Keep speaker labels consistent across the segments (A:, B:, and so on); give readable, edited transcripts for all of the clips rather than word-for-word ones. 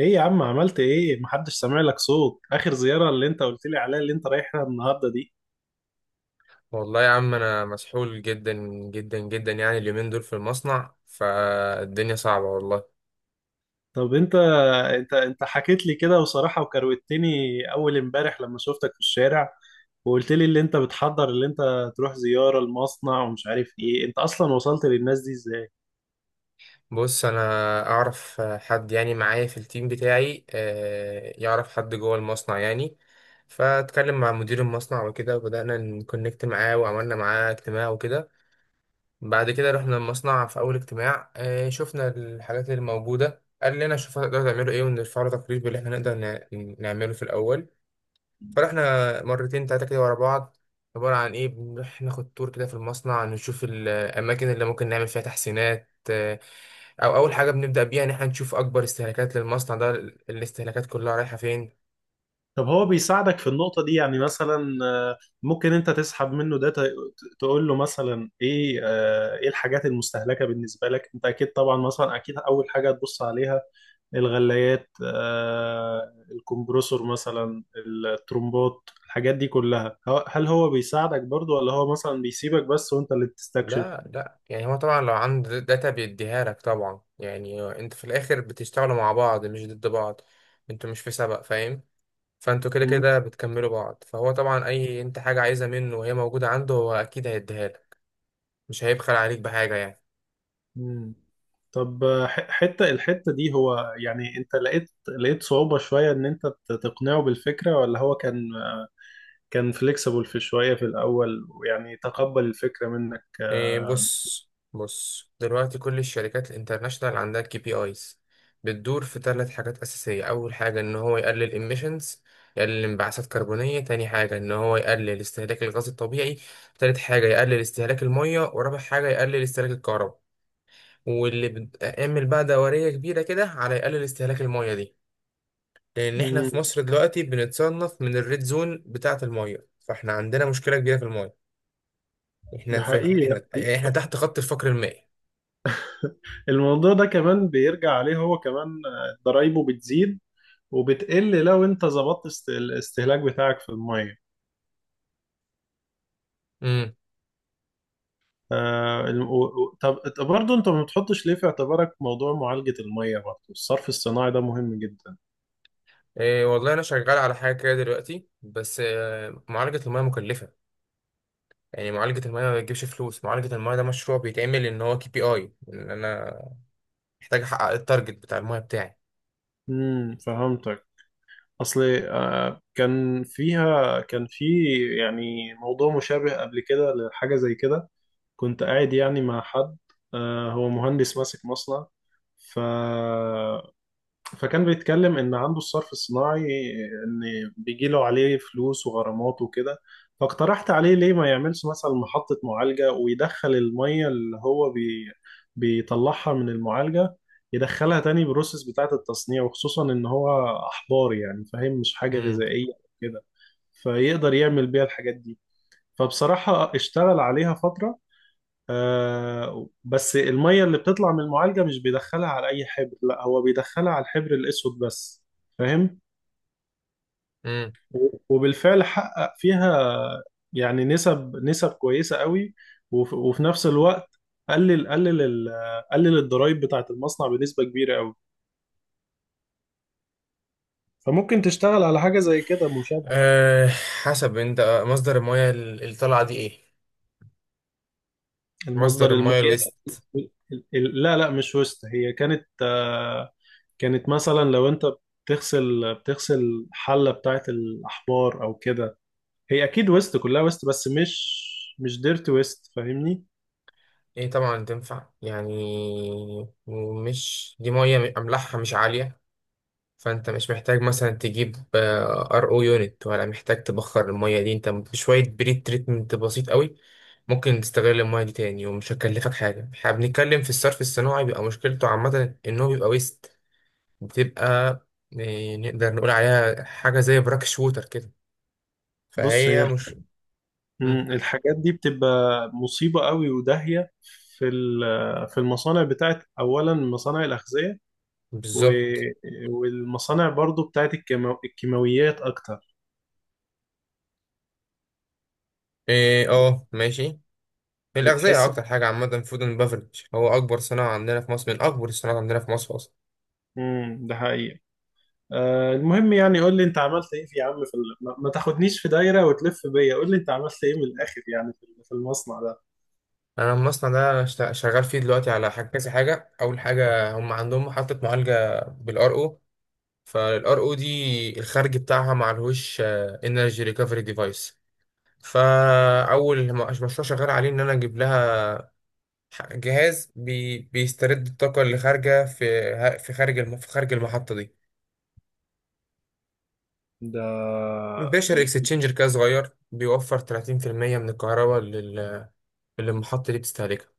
A: ايه يا عم، عملت ايه؟ محدش سامع لك صوت. اخر زيارة اللي انت قلت لي عليها اللي انت رايحها النهاردة دي،
B: والله يا عم، انا مسحول جدا جدا جدا. يعني اليومين دول في المصنع، فالدنيا صعبة والله.
A: طب انت حكيت لي كده وصراحة وكروتني اول امبارح لما شفتك في الشارع، وقلت لي اللي انت بتحضر، اللي انت تروح زيارة المصنع ومش عارف ايه. انت اصلا وصلت للناس دي ازاي؟
B: بص، انا اعرف حد، يعني معايا في التيم بتاعي، يعرف حد جوه المصنع يعني. فاتكلم مع مدير المصنع وكده، وبدأنا نكونكت معاه، وعملنا معاه اجتماع وكده. بعد كده رحنا المصنع في اول اجتماع، شفنا الحاجات اللي موجودة. قال لنا شوفوا هتقدروا تعملوا ايه، ونرفع له تقرير باللي احنا نقدر نعمله في الاول. فرحنا مرتين تلاتة كده ورا بعض. عبارة عن إيه؟ بنروح ناخد تور كده في المصنع، نشوف الأماكن اللي ممكن نعمل فيها تحسينات، أو أول حاجة بنبدأ بيها إن إحنا نشوف أكبر استهلاكات للمصنع ده. الاستهلاكات كلها رايحة فين؟
A: طب هو بيساعدك في النقطة دي؟ يعني مثلا ممكن انت تسحب منه ده، تقول له مثلا ايه. ايه الحاجات المستهلكة بالنسبة لك؟ انت اكيد طبعا مثلا اكيد اول حاجة تبص عليها الغلايات، الكمبروسور، مثلا الترمبات، الحاجات دي كلها. هل هو بيساعدك برضو ولا هو مثلا بيسيبك بس وانت اللي بتستكشف؟
B: لا لا، يعني هو طبعا لو عنده داتا بيديها لك طبعا. يعني أنت في الآخر بتشتغلوا مع بعض مش ضد بعض، أنتوا مش في سبق، فاهم؟ فأنتوا كده
A: مم.
B: كده بتكملوا بعض، فهو طبعا أي أنت حاجة عايزها منه وهي موجودة عنده هو أكيد هيديها لك. مش هيبخل عليك بحاجة يعني.
A: مم. طب حتة الحتة دي، هو يعني انت لقيت صعوبة شوية ان انت تقنعه بالفكرة، ولا هو كان فليكسبل في شوية في الأول ويعني تقبل الفكرة منك؟
B: إيه، بص بص دلوقتي كل الشركات الانترناشنال عندها كي بي ايز. بتدور في ثلاث حاجات أساسية. أول حاجة إن هو يقلل emissions، يقلل انبعاثات كربونية. تاني حاجة إن هو يقلل استهلاك الغاز الطبيعي. تالت حاجة يقلل استهلاك المية، ورابع حاجة يقلل استهلاك الكهرباء. واللي بتعمل بقى دورية كبيرة كده على يقلل استهلاك المية دي، لأن إحنا
A: مم.
B: في مصر دلوقتي بنتصنف من الريد زون بتاعة المية، فإحنا عندنا مشكلة كبيرة في المية.
A: ده حقيقي.
B: إحنا يعني إحنا تحت خط الفقر المائي.
A: الموضوع ده كمان بيرجع عليه هو كمان. ضرايبه بتزيد وبتقل لو انت ظبطت الاستهلاك بتاعك في الميه. طب برضه انت ما بتحطش ليه في اعتبارك موضوع معالجة الميه برضه؟ الصرف الصناعي ده مهم جدا.
B: إيه، والله انا شغال على حاجه كده دلوقتي بس، معالجه المياه مكلفه. يعني معالجه المياه ما بتجيبش فلوس. معالجه المياه ده مشروع بيتعمل ان هو كي بي اي، ان انا محتاج احقق التارجت بتاع المياه بتاعي.
A: امم، فهمتك. اصل كان فيها كان في يعني موضوع مشابه قبل كده لحاجة زي كده. كنت قاعد يعني مع حد، هو مهندس ماسك مصنع. ف فكان بيتكلم ان عنده الصرف الصناعي، ان بيجي له عليه فلوس وغرامات وكده. فاقترحت عليه ليه ما يعملش مثلا محطة معالجة، ويدخل المية اللي هو بيطلعها من المعالجة، يدخلها تاني بروسيس بتاعة التصنيع، وخصوصا ان هو احبار، يعني فاهم، مش حاجة
B: امم.
A: غذائية كده، فيقدر يعمل بيها الحاجات دي. فبصراحة اشتغل عليها فترة. بس المية اللي بتطلع من المعالجة مش بيدخلها على أي حبر، لا، هو بيدخلها على الحبر الأسود بس، فاهم.
B: امم.
A: وبالفعل حقق فيها يعني نسب كويسة قوي. وف- وفي نفس الوقت قلل قلل ال- قلل الضرايب بتاعة المصنع بنسبة كبيرة قوي. فممكن تشتغل على حاجة زي كده مشابهة.
B: أه، حسب انت مصدر المياه اللي طالعه دي ايه.
A: المصدر
B: مصدر
A: المية
B: المياه الويست.
A: ال- لا، لا، مش وسط. هي كانت كانت مثلا لو انت بتغسل حلة بتاعة الأحبار أو كده، هي اكيد ويست، كلها ويست، بس مش ديرت ويست، فاهمني؟
B: ايه طبعا تنفع يعني. مش دي مياه املاحها مش عاليه؟ فانت مش محتاج مثلا تجيب ار او يونت، ولا محتاج تبخر المية دي. انت بشوية بريد تريتمنت بسيط قوي ممكن تستغل المية دي تاني، ومش هتكلفك حاجة. احنا بنتكلم في الصرف الصناعي، بيبقى مشكلته عامة ان هو بيبقى ويست. بتبقى، نقدر نقول عليها حاجة زي براك شوتر كده.
A: بص
B: فهي
A: هي،
B: مش. مم.
A: مم، الحاجات دي بتبقى مصيبة قوي وداهية في في المصانع بتاعت اولا مصانع الاغذية، و-
B: بالظبط.
A: والمصانع برضو بتاعت الكيماويات اكتر.
B: ايه، اه، ماشي. الأغذية
A: بتحس.
B: أكتر حاجة عامة. فود اند بافرج هو أكبر صناعة عندنا في مصر، من أكبر الصناعات عندنا في مصر أصلا.
A: امم، ده حقيقي. المهم، يعني قول لي انت عملت ايه في يا عم في ما تاخدنيش في دايرة وتلف بيا. قول لي انت عملت ايه من الاخر يعني في المصنع ده؟
B: انا المصنع ده شغال فيه دلوقتي على حاجه كذا حاجه. اول حاجه هم عندهم محطه معالجه بالار او. فالار او دي الخارج بتاعها معلهوش انرجي ريكفري ديفايس. فاول مشروع شغال عليه ان انا اجيب لها جهاز بي بيسترد الطاقه اللي خارجه في خارج المحطه دي.
A: ده
B: بيشر اكستشينجر كده صغير، بيوفر 30% من الكهرباء اللي المحطه دي بتستهلكها.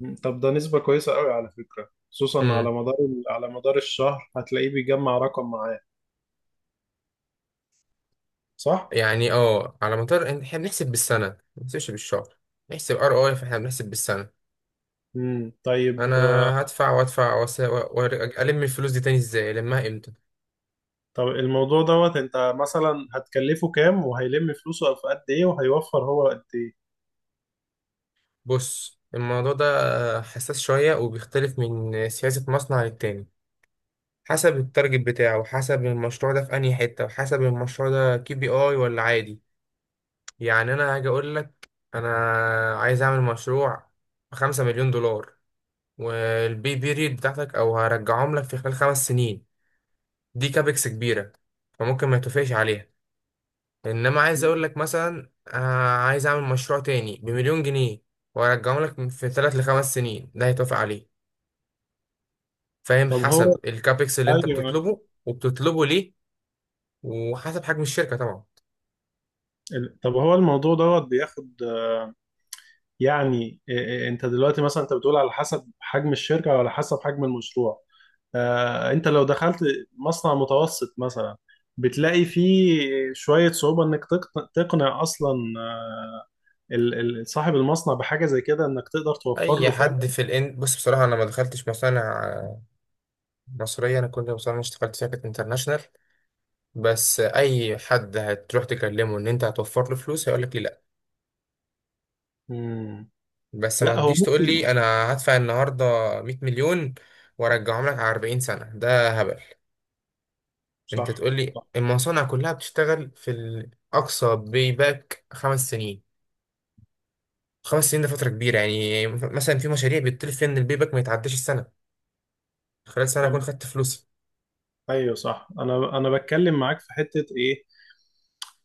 A: مم. طب ده نسبة كويسة قوي على فكرة، خصوصا على
B: امم.
A: مدار، على مدار الشهر هتلاقيه بيجمع رقم معاه، صح؟
B: يعني اه، على مدار احنا بنحسب بالسنة، ما بنحسبش بالشهر. نحسب ار اي. فاحنا بنحسب بالسنة.
A: امم،
B: انا
A: طيب.
B: هدفع وادفع وأس- و- وأرجع- الم الفلوس دي تاني ازاي؟ المها امتى؟
A: طب الموضوع دوت انت مثلا هتكلفه كام، وهيلم فلوسه في قد ايه، وهيوفر هو قد ايه؟
B: بص، الموضوع ده حساس شوية، وبيختلف من سياسة مصنع للتاني. حسب التارجت بتاعه، وحسب المشروع ده في انهي حتة، وحسب المشروع ده كي بي اي ولا عادي. يعني انا هاجي اقول لك، انا عايز اعمل مشروع بـ5 مليون دولار، والبي بيريد بتاعتك او هرجعهم لك في خلال 5 سنين. دي كابكس كبيرة، فممكن ما يتوافقش عليها. انما عايز اقول
A: مم.
B: لك مثلا، عايز اعمل مشروع تاني بمليون جنيه، وارجعه لك في 3 لـ 5 سنين، ده هيتوافق عليه. فاهم؟
A: طب هو،
B: حسب الكابكس اللي انت
A: ايوه.
B: بتطلبه، وبتطلبه ليه، وحسب حجم الشركة طبعا.
A: طب هو الموضوع دوت بياخد يعني إيه- إيه، انت دلوقتي مثلا انت بتقول على حسب حجم الشركة او على حسب حجم المشروع. انت لو دخلت مصنع متوسط مثلا، بتلاقي فيه شوية صعوبة انك تقنع اصلا ال- صاحب المصنع بحاجة زي كده، انك تقدر توفر له
B: اي
A: فعلا.
B: حد في الان، بص، بصراحة انا ما دخلتش مصانع مصرية. انا كل مصانع اللي اشتغلت فيها كانت انترناشونال. بس اي حد هتروح تكلمه ان انت هتوفر له فلوس هيقول لك.
A: مم.
B: بس ما
A: لا، هو
B: تجيش تقول
A: ممكن.
B: لي انا هدفع النهارده 100 مليون وارجعهم لك على 40 سنه، ده هبل. انت
A: صح.
B: تقول لي
A: صح.
B: المصانع كلها بتشتغل في الاقصى باك 5 سنين. 5 سنين ده فتره كبيره، يعني مثلا في مشاريع بيطلب فيها ان البيباك ما يتعداش السنه. خلال سنه
A: طب،
B: اكون خدت فلوسي.
A: ايوه صح، انا انا بتكلم معاك في حتة ايه.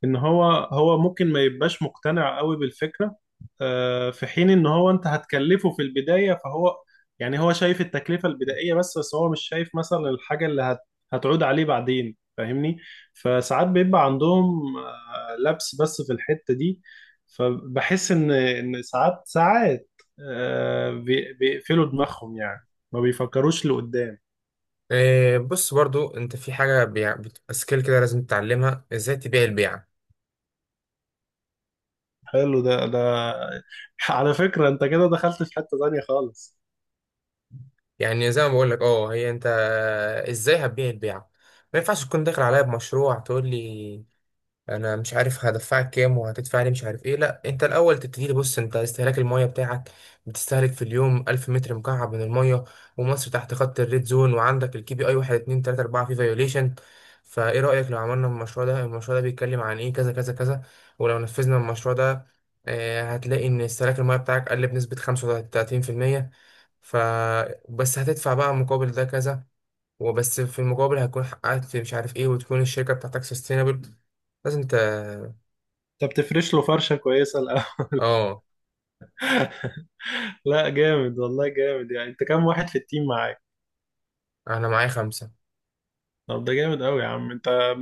A: ان هو هو ممكن ما يبقاش مقتنع قوي بالفكرة، في حين ان هو انت هتكلفه في البداية. فهو يعني هو شايف التكلفة البدائية بس، بس هو مش شايف مثلا الحاجة اللي هتعود عليه بعدين، فاهمني. فساعات بيبقى عندهم لبس بس في الحتة دي. فبحس ان ساعات، بيقفلوا دماغهم، يعني ما بيفكروش لقدام.
B: بص برضو، انت في حاجه بتبقى سكيل كده لازم تتعلمها، ازاي تبيع البيعه.
A: حلو. ده على فكرة، انت كده دخلت في حتة تانية خالص.
B: يعني زي ما بقول لك اه، هي انت ازاي هتبيع البيعه. ما ينفعش تكون داخل عليا بمشروع تقول لي انا مش عارف هدفعك كام وهتدفع لي مش عارف ايه. لا، انت الاول تبتدي تبص انت استهلاك الميه بتاعك. بتستهلك في اليوم 1000 متر مكعب من الميه، ومصر تحت خط الريد زون، وعندك الكي بي اي 1، 2، 3، 4 في فيوليشن. فايه رايك لو عملنا المشروع ده؟ المشروع ده بيتكلم عن ايه؟ كذا كذا كذا. ولو نفذنا المشروع ده، هتلاقي ان استهلاك الميه بتاعك قل بنسبه 35%. ف بس هتدفع بقى مقابل ده كذا. وبس، في المقابل هتكون حققت مش عارف ايه، وتكون الشركة بتاعتك سستينابل. لازم انت.
A: انت بتفرش له فرشة كويسة الأول.
B: اه،
A: لا جامد، والله جامد. يعني انت كام واحد في التيم معاك؟
B: انا معايا خمسة.
A: طب ده جامد قوي يا عم انت.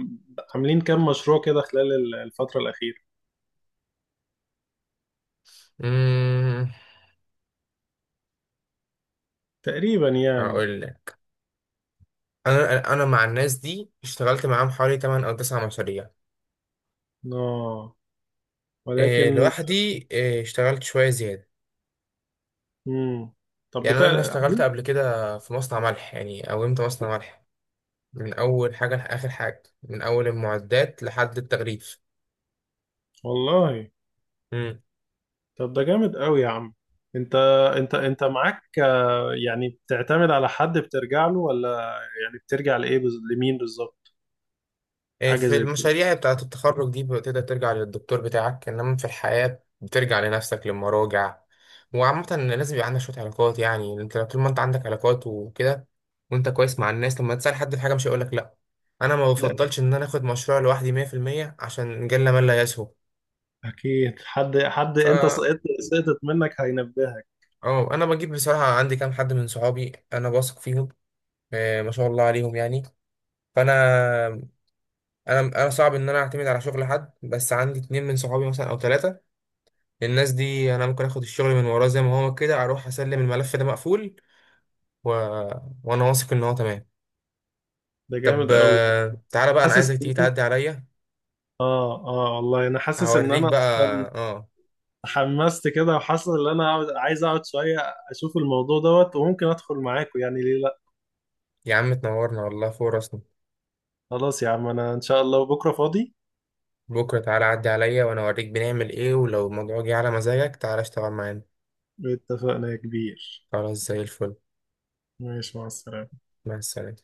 A: عاملين كام مشروع كده خلال الفترة الأخيرة
B: امم.
A: تقريبا يعني؟
B: هقول لك، انا مع الناس دي اشتغلت معاهم حوالي 8 او 9 مشاريع.
A: اه،
B: إيه،
A: ولكن.
B: لوحدي، إيه، اشتغلت شوية زيادة.
A: مم. طب
B: يعني انا
A: بتاع.
B: اشتغلت قبل كده في مصنع ملح، يعني قومت مصنع ملح من اول حاجة لاخر حاجة، من اول المعدات لحد التغليف.
A: والله، طب ده جامد قوي يا عم انت. انت معاك، يعني بتعتمد على حد بترجع له، ولا يعني بترجع لمين بالظبط؟
B: إيه،
A: حاجة
B: في
A: زي كده.
B: المشاريع بتاعة التخرج دي بتقدر ترجع للدكتور بتاعك، إنما في الحياة بترجع لنفسك، للمراجع. وعامة لازم يبقى عندك شوية علاقات. يعني أنت طول ما أنت عندك علاقات وكده، وأنت كويس مع الناس، لما تسأل حد في حاجة مش هيقولك لأ. أنا ما
A: ده
B: بفضلش إن أنا آخد مشروع لوحدي 100%، عشان جل من لا يسهو.
A: أكيد حد أنت
B: فا
A: سقطت، سقطت منك، هينبهك.
B: أه، أنا بجيب، بصراحة عندي كام حد من صحابي أنا واثق فيهم، ما شاء الله عليهم يعني. فأنا أنا أنا صعب إن أنا أعتمد على شغل حد، بس عندي اتنين من صحابي مثلا أو تلاتة. الناس دي انا ممكن اخد الشغل من وراه، زي ما هو كده اروح اسلم الملف ده مقفول، و... وانا واثق ان هو تمام.
A: ده
B: طب،
A: جامد قوي.
B: تعالى بقى، انا
A: حاسس
B: عايزك تيجي
A: إن-
B: تعدي عليا.
A: آه آه والله، أنا حاسس إن
B: هوريك
A: أنا
B: بقى.
A: أصلا
B: اه،
A: حمست كده، وحاسس إن أنا عايز أقعد شوية، أشوف الموضوع دوت، وممكن أدخل معاكم يعني. ليه لأ؟
B: يا عم تنورنا والله، فوق راسنا.
A: خلاص يا عم، أنا إن شاء الله بكرة فاضي.
B: بكره تعالى عدي عليا، وانا اوريك بنعمل ايه، ولو الموضوع جه على مزاجك تعالى اشتغل معانا.
A: اتفقنا يا كبير.
B: خلاص، زي الفل.
A: ماشي، مع السلامة.
B: مع السلامه.